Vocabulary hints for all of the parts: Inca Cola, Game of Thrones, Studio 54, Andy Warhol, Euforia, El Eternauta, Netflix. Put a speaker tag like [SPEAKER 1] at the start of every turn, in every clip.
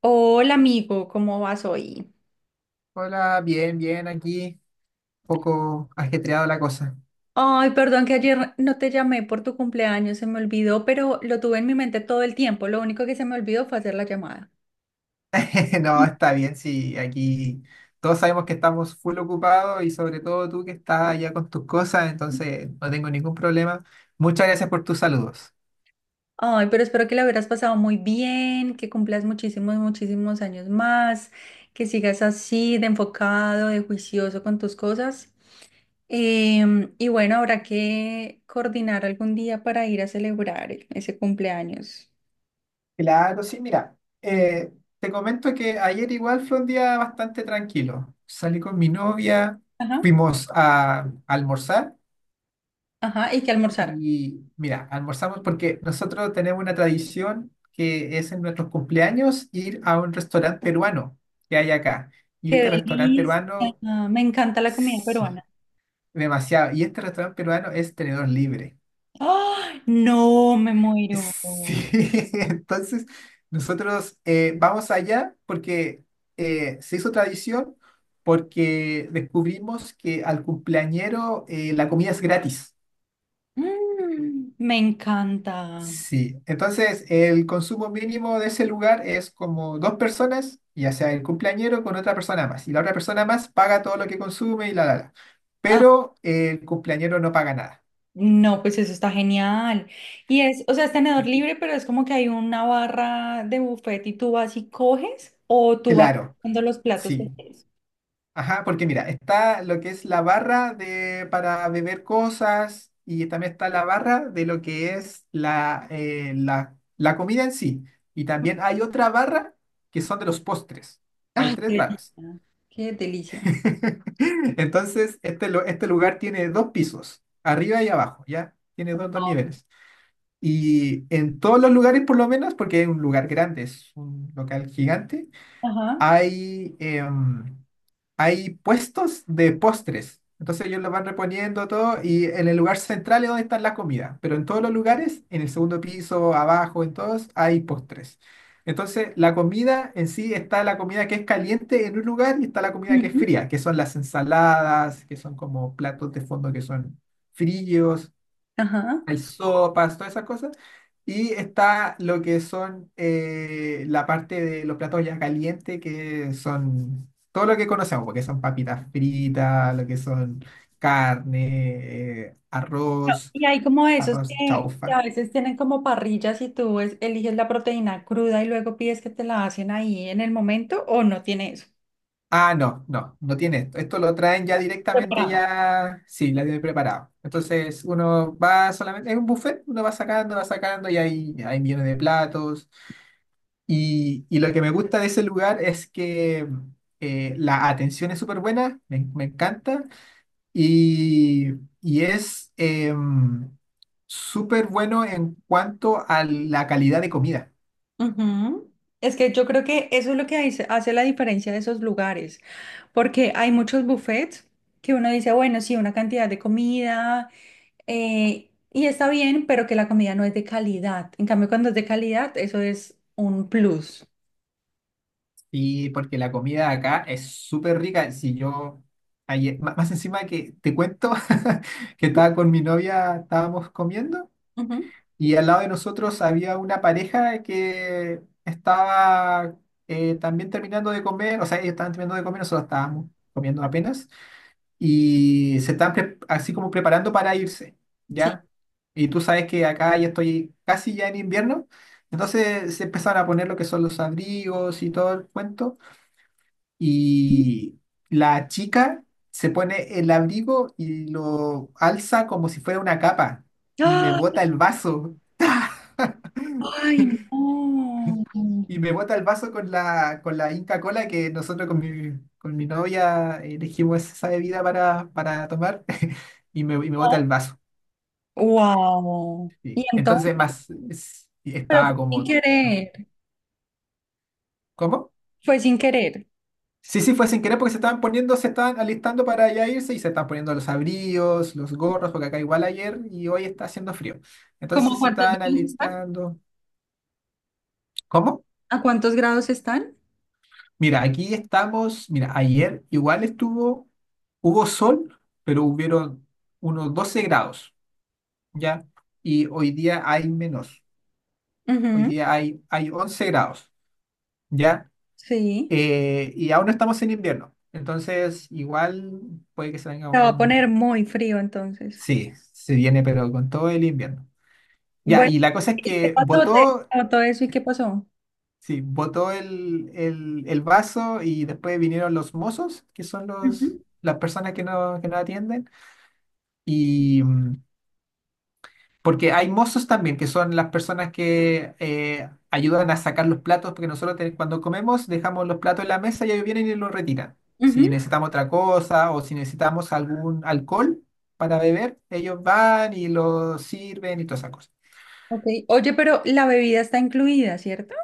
[SPEAKER 1] Hola amigo, ¿cómo vas hoy?
[SPEAKER 2] Hola, bien, bien, aquí, poco ajetreado la cosa.
[SPEAKER 1] Ay, perdón que ayer no te llamé por tu cumpleaños, se me olvidó, pero lo tuve en mi mente todo el tiempo. Lo único que se me olvidó fue hacer la llamada.
[SPEAKER 2] No, está bien, sí, aquí todos sabemos que estamos full ocupados y sobre todo tú que estás allá con tus cosas, entonces no tengo ningún problema. Muchas gracias por tus saludos.
[SPEAKER 1] Ay, pero espero que la hubieras pasado muy bien, que cumplas muchísimos, muchísimos años más, que sigas así de enfocado, de juicioso con tus cosas. Y bueno, habrá que coordinar algún día para ir a celebrar ese cumpleaños.
[SPEAKER 2] Claro, sí, mira, eh, te comento que ayer igual fue un día bastante tranquilo. Salí con mi novia,
[SPEAKER 1] Ajá,
[SPEAKER 2] fuimos a almorzar.
[SPEAKER 1] ajá, y que almorzar.
[SPEAKER 2] Y mira, almorzamos porque nosotros tenemos una tradición que es en nuestros cumpleaños ir a un restaurante peruano que hay acá. Y
[SPEAKER 1] Qué
[SPEAKER 2] este restaurante
[SPEAKER 1] delicia.
[SPEAKER 2] peruano,
[SPEAKER 1] Me encanta la comida
[SPEAKER 2] sí,
[SPEAKER 1] peruana.
[SPEAKER 2] demasiado. Y este restaurante peruano es tenedor libre.
[SPEAKER 1] ¡Ah! No, me muero.
[SPEAKER 2] Sí, entonces nosotros vamos allá porque se hizo tradición porque descubrimos que al cumpleañero la comida es gratis.
[SPEAKER 1] Mm, me encanta.
[SPEAKER 2] Sí, entonces el consumo mínimo de ese lugar es como dos personas, ya sea el cumpleañero con otra persona más, y la otra persona más paga todo lo que consume y la.
[SPEAKER 1] Ah,
[SPEAKER 2] Pero el cumpleañero no paga nada.
[SPEAKER 1] no, pues eso está genial. Y es, o sea, es tenedor libre, pero es como que hay una barra de buffet y tú vas y coges o tú vas
[SPEAKER 2] Claro,
[SPEAKER 1] viendo los platos que
[SPEAKER 2] sí.
[SPEAKER 1] quieres.
[SPEAKER 2] Ajá, porque mira, está lo que es la barra de, para beber cosas y también está la barra de lo que es la comida en sí. Y también hay otra barra que son de los postres. Hay
[SPEAKER 1] Ay, qué
[SPEAKER 2] tres barras.
[SPEAKER 1] delicia. Qué delicia.
[SPEAKER 2] Entonces, este, este lugar tiene dos pisos, arriba y abajo, ¿ya? Tiene dos, dos niveles. Y en todos los lugares, por lo menos, porque es un lugar grande, es un local gigante,
[SPEAKER 1] Ajá.
[SPEAKER 2] hay, hay puestos de postres. Entonces ellos lo van reponiendo todo y en el lugar central es donde está la comida, pero en todos los lugares, en el segundo piso, abajo, en todos, hay postres. Entonces la comida en sí está la comida que es caliente en un lugar y está la comida que es
[SPEAKER 1] Ujú.
[SPEAKER 2] fría, que son las ensaladas, que son como platos de fondo que son fríos,
[SPEAKER 1] Ajá.
[SPEAKER 2] hay sopas, todas esas cosas. Y está lo que son la parte de los platos ya calientes, que son todo lo que conocemos, porque son papitas fritas, lo que son carne, arroz,
[SPEAKER 1] Y hay como esos
[SPEAKER 2] arroz
[SPEAKER 1] que
[SPEAKER 2] chaufa.
[SPEAKER 1] a veces tienen como parrillas y tú eliges la proteína cruda y luego pides que te la hacen ahí en el momento o no tiene eso.
[SPEAKER 2] Ah, no, no, no tiene esto. Esto lo traen ya directamente,
[SPEAKER 1] Separado.
[SPEAKER 2] ya, sí, la tienen preparado. Entonces uno va solamente, es un buffet, uno va sacando y hay millones de platos. Y lo que me gusta de ese lugar es que la atención es súper buena, me encanta, y, y es súper bueno en cuanto a la calidad de comida.
[SPEAKER 1] Ujú. Es que yo creo que eso es lo que hace la diferencia de esos lugares, porque hay muchos buffets que uno dice, bueno, sí, una cantidad de comida y está bien, pero que la comida no es de calidad. En cambio, cuando es de calidad, eso es un plus.
[SPEAKER 2] Y porque la comida acá es súper rica. Si yo, más encima que te cuento que estaba con mi novia, estábamos comiendo.
[SPEAKER 1] Ujú.
[SPEAKER 2] Y al lado de nosotros había una pareja que estaba también terminando de comer, o sea, ellos estaban terminando de comer, nosotros estábamos comiendo apenas, y se estaban así como preparando para irse,
[SPEAKER 1] Sí.
[SPEAKER 2] ¿ya? Y tú sabes que acá ya estoy casi ya en invierno, entonces se empezaron a poner lo que son los abrigos y todo el cuento, y la chica se pone el abrigo y lo alza como si fuera una capa, y me
[SPEAKER 1] ¡Ah!
[SPEAKER 2] bota el vaso.
[SPEAKER 1] ¡Ay, no!
[SPEAKER 2] Y me bota el vaso con la Inca Cola que nosotros con mi novia elegimos esa bebida para tomar y me bota el vaso.
[SPEAKER 1] Wow. Y
[SPEAKER 2] Y
[SPEAKER 1] entonces,
[SPEAKER 2] entonces y
[SPEAKER 1] pero fue
[SPEAKER 2] estaba
[SPEAKER 1] sin
[SPEAKER 2] como... ¿no?
[SPEAKER 1] querer.
[SPEAKER 2] ¿Cómo?
[SPEAKER 1] Fue sin querer.
[SPEAKER 2] Sí, sí, fue sin querer porque se estaban poniendo, se estaban alistando para ya irse y se estaban poniendo los abrigos, los gorros, porque acá igual ayer y hoy está haciendo frío.
[SPEAKER 1] ¿Cómo a
[SPEAKER 2] Entonces se
[SPEAKER 1] cuántos
[SPEAKER 2] estaban
[SPEAKER 1] grados están?
[SPEAKER 2] alistando. ¿Cómo?
[SPEAKER 1] ¿A cuántos grados están?
[SPEAKER 2] Mira, aquí estamos. Mira, ayer igual estuvo, hubo sol, pero hubieron unos 12 grados, ¿ya? Y hoy día hay menos. Hoy
[SPEAKER 1] Ujú,
[SPEAKER 2] día hay, hay 11 grados, ¿ya?
[SPEAKER 1] sí.
[SPEAKER 2] Y aún no estamos en invierno. Entonces, igual puede que se venga
[SPEAKER 1] Se va a
[SPEAKER 2] un...
[SPEAKER 1] poner muy frío entonces.
[SPEAKER 2] Sí, se viene, pero con todo el invierno. Ya,
[SPEAKER 1] Bueno,
[SPEAKER 2] y la cosa es
[SPEAKER 1] ¿y qué
[SPEAKER 2] que
[SPEAKER 1] pasó? ¿Te
[SPEAKER 2] botó,
[SPEAKER 1] notó eso y qué pasó?
[SPEAKER 2] sí, botó el vaso y después vinieron los mozos, que son los,
[SPEAKER 1] Ujú,
[SPEAKER 2] las personas que no atienden. Y porque hay mozos también, que son las personas que ayudan a sacar los platos, porque nosotros cuando comemos dejamos los platos en la mesa y ellos vienen y los retiran. Si
[SPEAKER 1] ujú.
[SPEAKER 2] necesitamos otra cosa o si necesitamos algún alcohol para beber, ellos van y lo sirven y todas esas cosas.
[SPEAKER 1] Ok. Oye, pero la bebida está incluida, ¿cierto?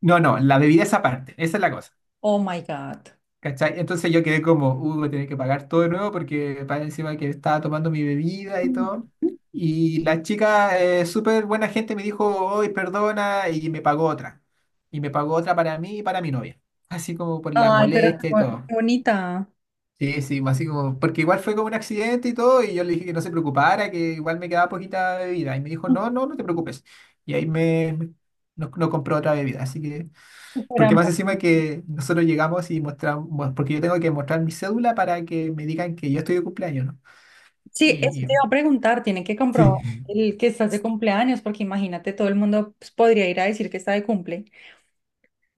[SPEAKER 2] No, no, la bebida es aparte, esa es la cosa.
[SPEAKER 1] Oh my God.
[SPEAKER 2] ¿Cachai? Entonces yo quedé como, uy, voy a tener que pagar todo de nuevo porque para encima que estaba tomando mi bebida y
[SPEAKER 1] Ujú.
[SPEAKER 2] todo. Y la chica, súper buena gente, me dijo, hoy perdona, y me pagó otra. Y me pagó otra para mí y para mi novia. Así como por la
[SPEAKER 1] Ay, pero qué
[SPEAKER 2] molestia y todo.
[SPEAKER 1] qué bonita.
[SPEAKER 2] Sí, sí, así como, porque igual fue como un accidente y todo, y yo le dije que no se preocupara, que igual me quedaba poquita bebida. Y me dijo,
[SPEAKER 1] Ujú.
[SPEAKER 2] no, no, no te preocupes. Y ahí me, nos, nos compró otra bebida. Así que
[SPEAKER 1] Súper
[SPEAKER 2] porque más
[SPEAKER 1] amable.
[SPEAKER 2] encima que nosotros llegamos y mostramos, bueno, porque yo tengo que mostrar mi cédula para que me digan que yo estoy de cumpleaños, ¿no?
[SPEAKER 1] Sí, eso
[SPEAKER 2] Y
[SPEAKER 1] te iba a preguntar, tiene que comprobar
[SPEAKER 2] sí.
[SPEAKER 1] el que estás de cumpleaños, porque imagínate, todo el mundo pues, podría ir a decir que está de cumple.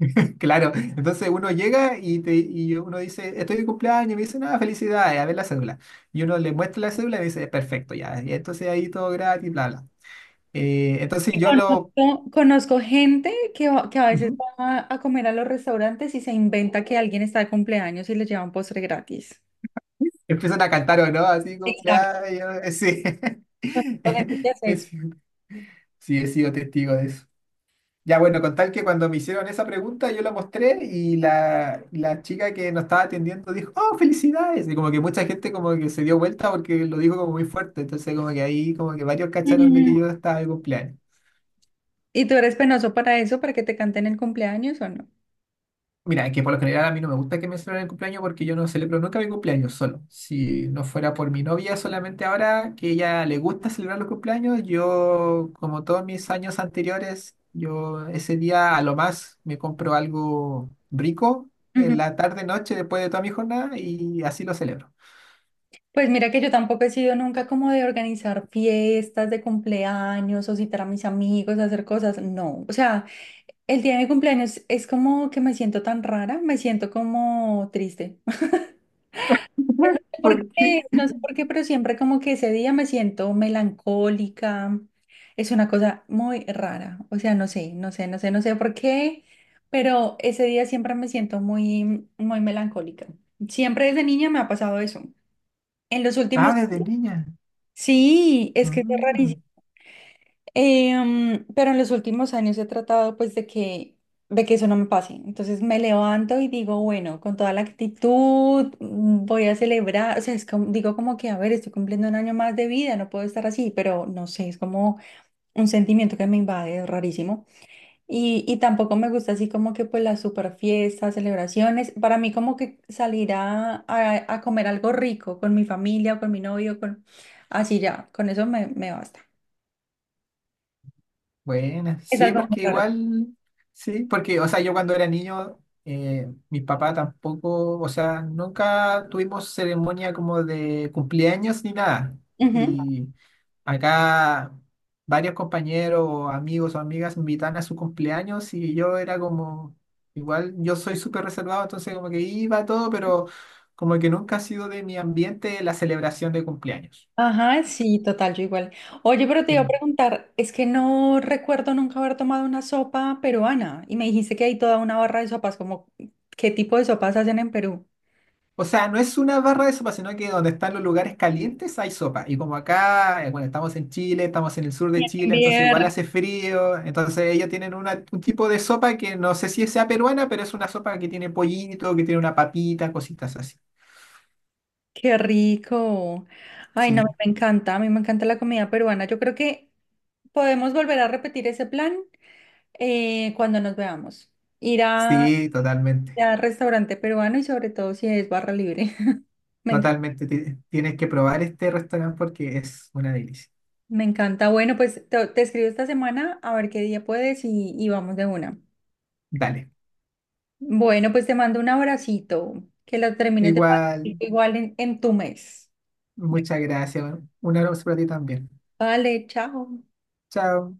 [SPEAKER 2] Claro, entonces uno llega y, te, y uno dice, estoy de cumpleaños, y me dicen, ah, felicidades, a ver la cédula. Y uno le muestra la cédula y me dice, perfecto, ya, y entonces ahí todo gratis, bla, bla. Entonces yo lo,
[SPEAKER 1] Conozco, conozco gente que a veces
[SPEAKER 2] ujú,
[SPEAKER 1] va a comer a los restaurantes y se inventa que alguien está de cumpleaños y les lleva un postre gratis.
[SPEAKER 2] empiezan a cantar o no, así,
[SPEAKER 1] Exacto,
[SPEAKER 2] cumpleaños, sí.
[SPEAKER 1] conozco gente que hace eso.
[SPEAKER 2] Es- sí, he sido testigo de eso. Ya, bueno, con tal que cuando me hicieron esa pregunta, yo la mostré y la chica que nos estaba atendiendo dijo, ¡Oh, felicidades! Y como que mucha gente como que se dio vuelta porque lo dijo como muy fuerte. Entonces como que ahí como que varios cacharon de que
[SPEAKER 1] Ujú.
[SPEAKER 2] yo estaba de cumpleaños.
[SPEAKER 1] ¿Y tú eres penoso para eso, para que te canten el cumpleaños o no?
[SPEAKER 2] Mira, es que por lo general a mí no me gusta que me celebren el cumpleaños porque yo no celebro nunca mi cumpleaños solo. Si no fuera por mi novia, solamente ahora que ella le gusta celebrar los cumpleaños, yo, como todos mis años anteriores, yo ese día a lo más me compro algo rico en la tarde, noche, después de toda mi jornada y así lo celebro.
[SPEAKER 1] Pues mira que yo tampoco he sido nunca como de organizar fiestas de cumpleaños o citar a mis amigos a hacer cosas, no. O sea, el día de mi cumpleaños es como que me siento tan rara, me siento como triste. Porque
[SPEAKER 2] ¿Por qué?
[SPEAKER 1] no sé por qué, pero siempre como que ese día me siento melancólica. Es una cosa muy rara. O sea, no sé, no sé, no sé, no sé por qué, pero ese día siempre me siento muy, muy melancólica. Siempre desde niña me ha pasado eso. En los últimos...
[SPEAKER 2] Ah, desde niña.
[SPEAKER 1] Sí, es que es
[SPEAKER 2] Mm.
[SPEAKER 1] rarísimo. Pero en los últimos años he tratado pues de que eso no me pase. Entonces me levanto y digo, bueno, con toda la actitud voy a celebrar. O sea, es como, digo como que, a ver, estoy cumpliendo un año más de vida, no puedo estar así, pero no sé, es como un sentimiento que me invade, es rarísimo. Y tampoco me gusta así como que pues las super fiestas, celebraciones. Para mí como que a comer algo rico con mi familia o con mi novio, con así ya, con eso me basta.
[SPEAKER 2] Bueno,
[SPEAKER 1] Es
[SPEAKER 2] sí,
[SPEAKER 1] algo muy
[SPEAKER 2] porque
[SPEAKER 1] raro.
[SPEAKER 2] igual, sí, porque, o sea, yo cuando era niño, mis papás tampoco, o sea, nunca tuvimos ceremonia como de cumpleaños ni nada.
[SPEAKER 1] Ujú.
[SPEAKER 2] Y acá varios compañeros, o amigos o amigas me invitan a su cumpleaños y yo era como, igual, yo soy súper reservado, entonces como que iba a todo, pero como que nunca ha sido de mi ambiente la celebración de cumpleaños.
[SPEAKER 1] Ajá, sí, total, yo igual. Oye, pero te iba a
[SPEAKER 2] Mm.
[SPEAKER 1] preguntar, es que no recuerdo nunca haber tomado una sopa peruana y me dijiste que hay toda una barra de sopas, como, ¿qué tipo de sopas hacen en Perú?
[SPEAKER 2] O sea, no es una barra de sopa, sino que donde están los lugares calientes hay sopa. Y como acá, bueno, estamos en Chile, estamos en el sur de Chile, entonces
[SPEAKER 1] Bien,
[SPEAKER 2] igual hace frío. Entonces ellos tienen un tipo de sopa que no sé si sea peruana, pero es una sopa que tiene pollito, que tiene una papita, cositas así.
[SPEAKER 1] qué rico. Ay, no,
[SPEAKER 2] Sí,
[SPEAKER 1] me encanta, a mí me encanta la comida peruana. Yo creo que podemos volver a repetir ese plan cuando nos veamos. Ir a,
[SPEAKER 2] sí,
[SPEAKER 1] ir
[SPEAKER 2] totalmente.
[SPEAKER 1] a restaurante peruano y sobre todo si es barra libre. Me encanta,
[SPEAKER 2] Totalmente. Tienes que probar este restaurante porque es una delicia.
[SPEAKER 1] me encanta. Bueno, pues te escribo esta semana a ver qué día puedes y vamos de una.
[SPEAKER 2] Dale.
[SPEAKER 1] Bueno, pues te mando un abracito. Que lo termines de pasar
[SPEAKER 2] Igual,
[SPEAKER 1] igual en tu mes.
[SPEAKER 2] muchas gracias. Un abrazo para ti también.
[SPEAKER 1] Vale, chao.
[SPEAKER 2] Chao.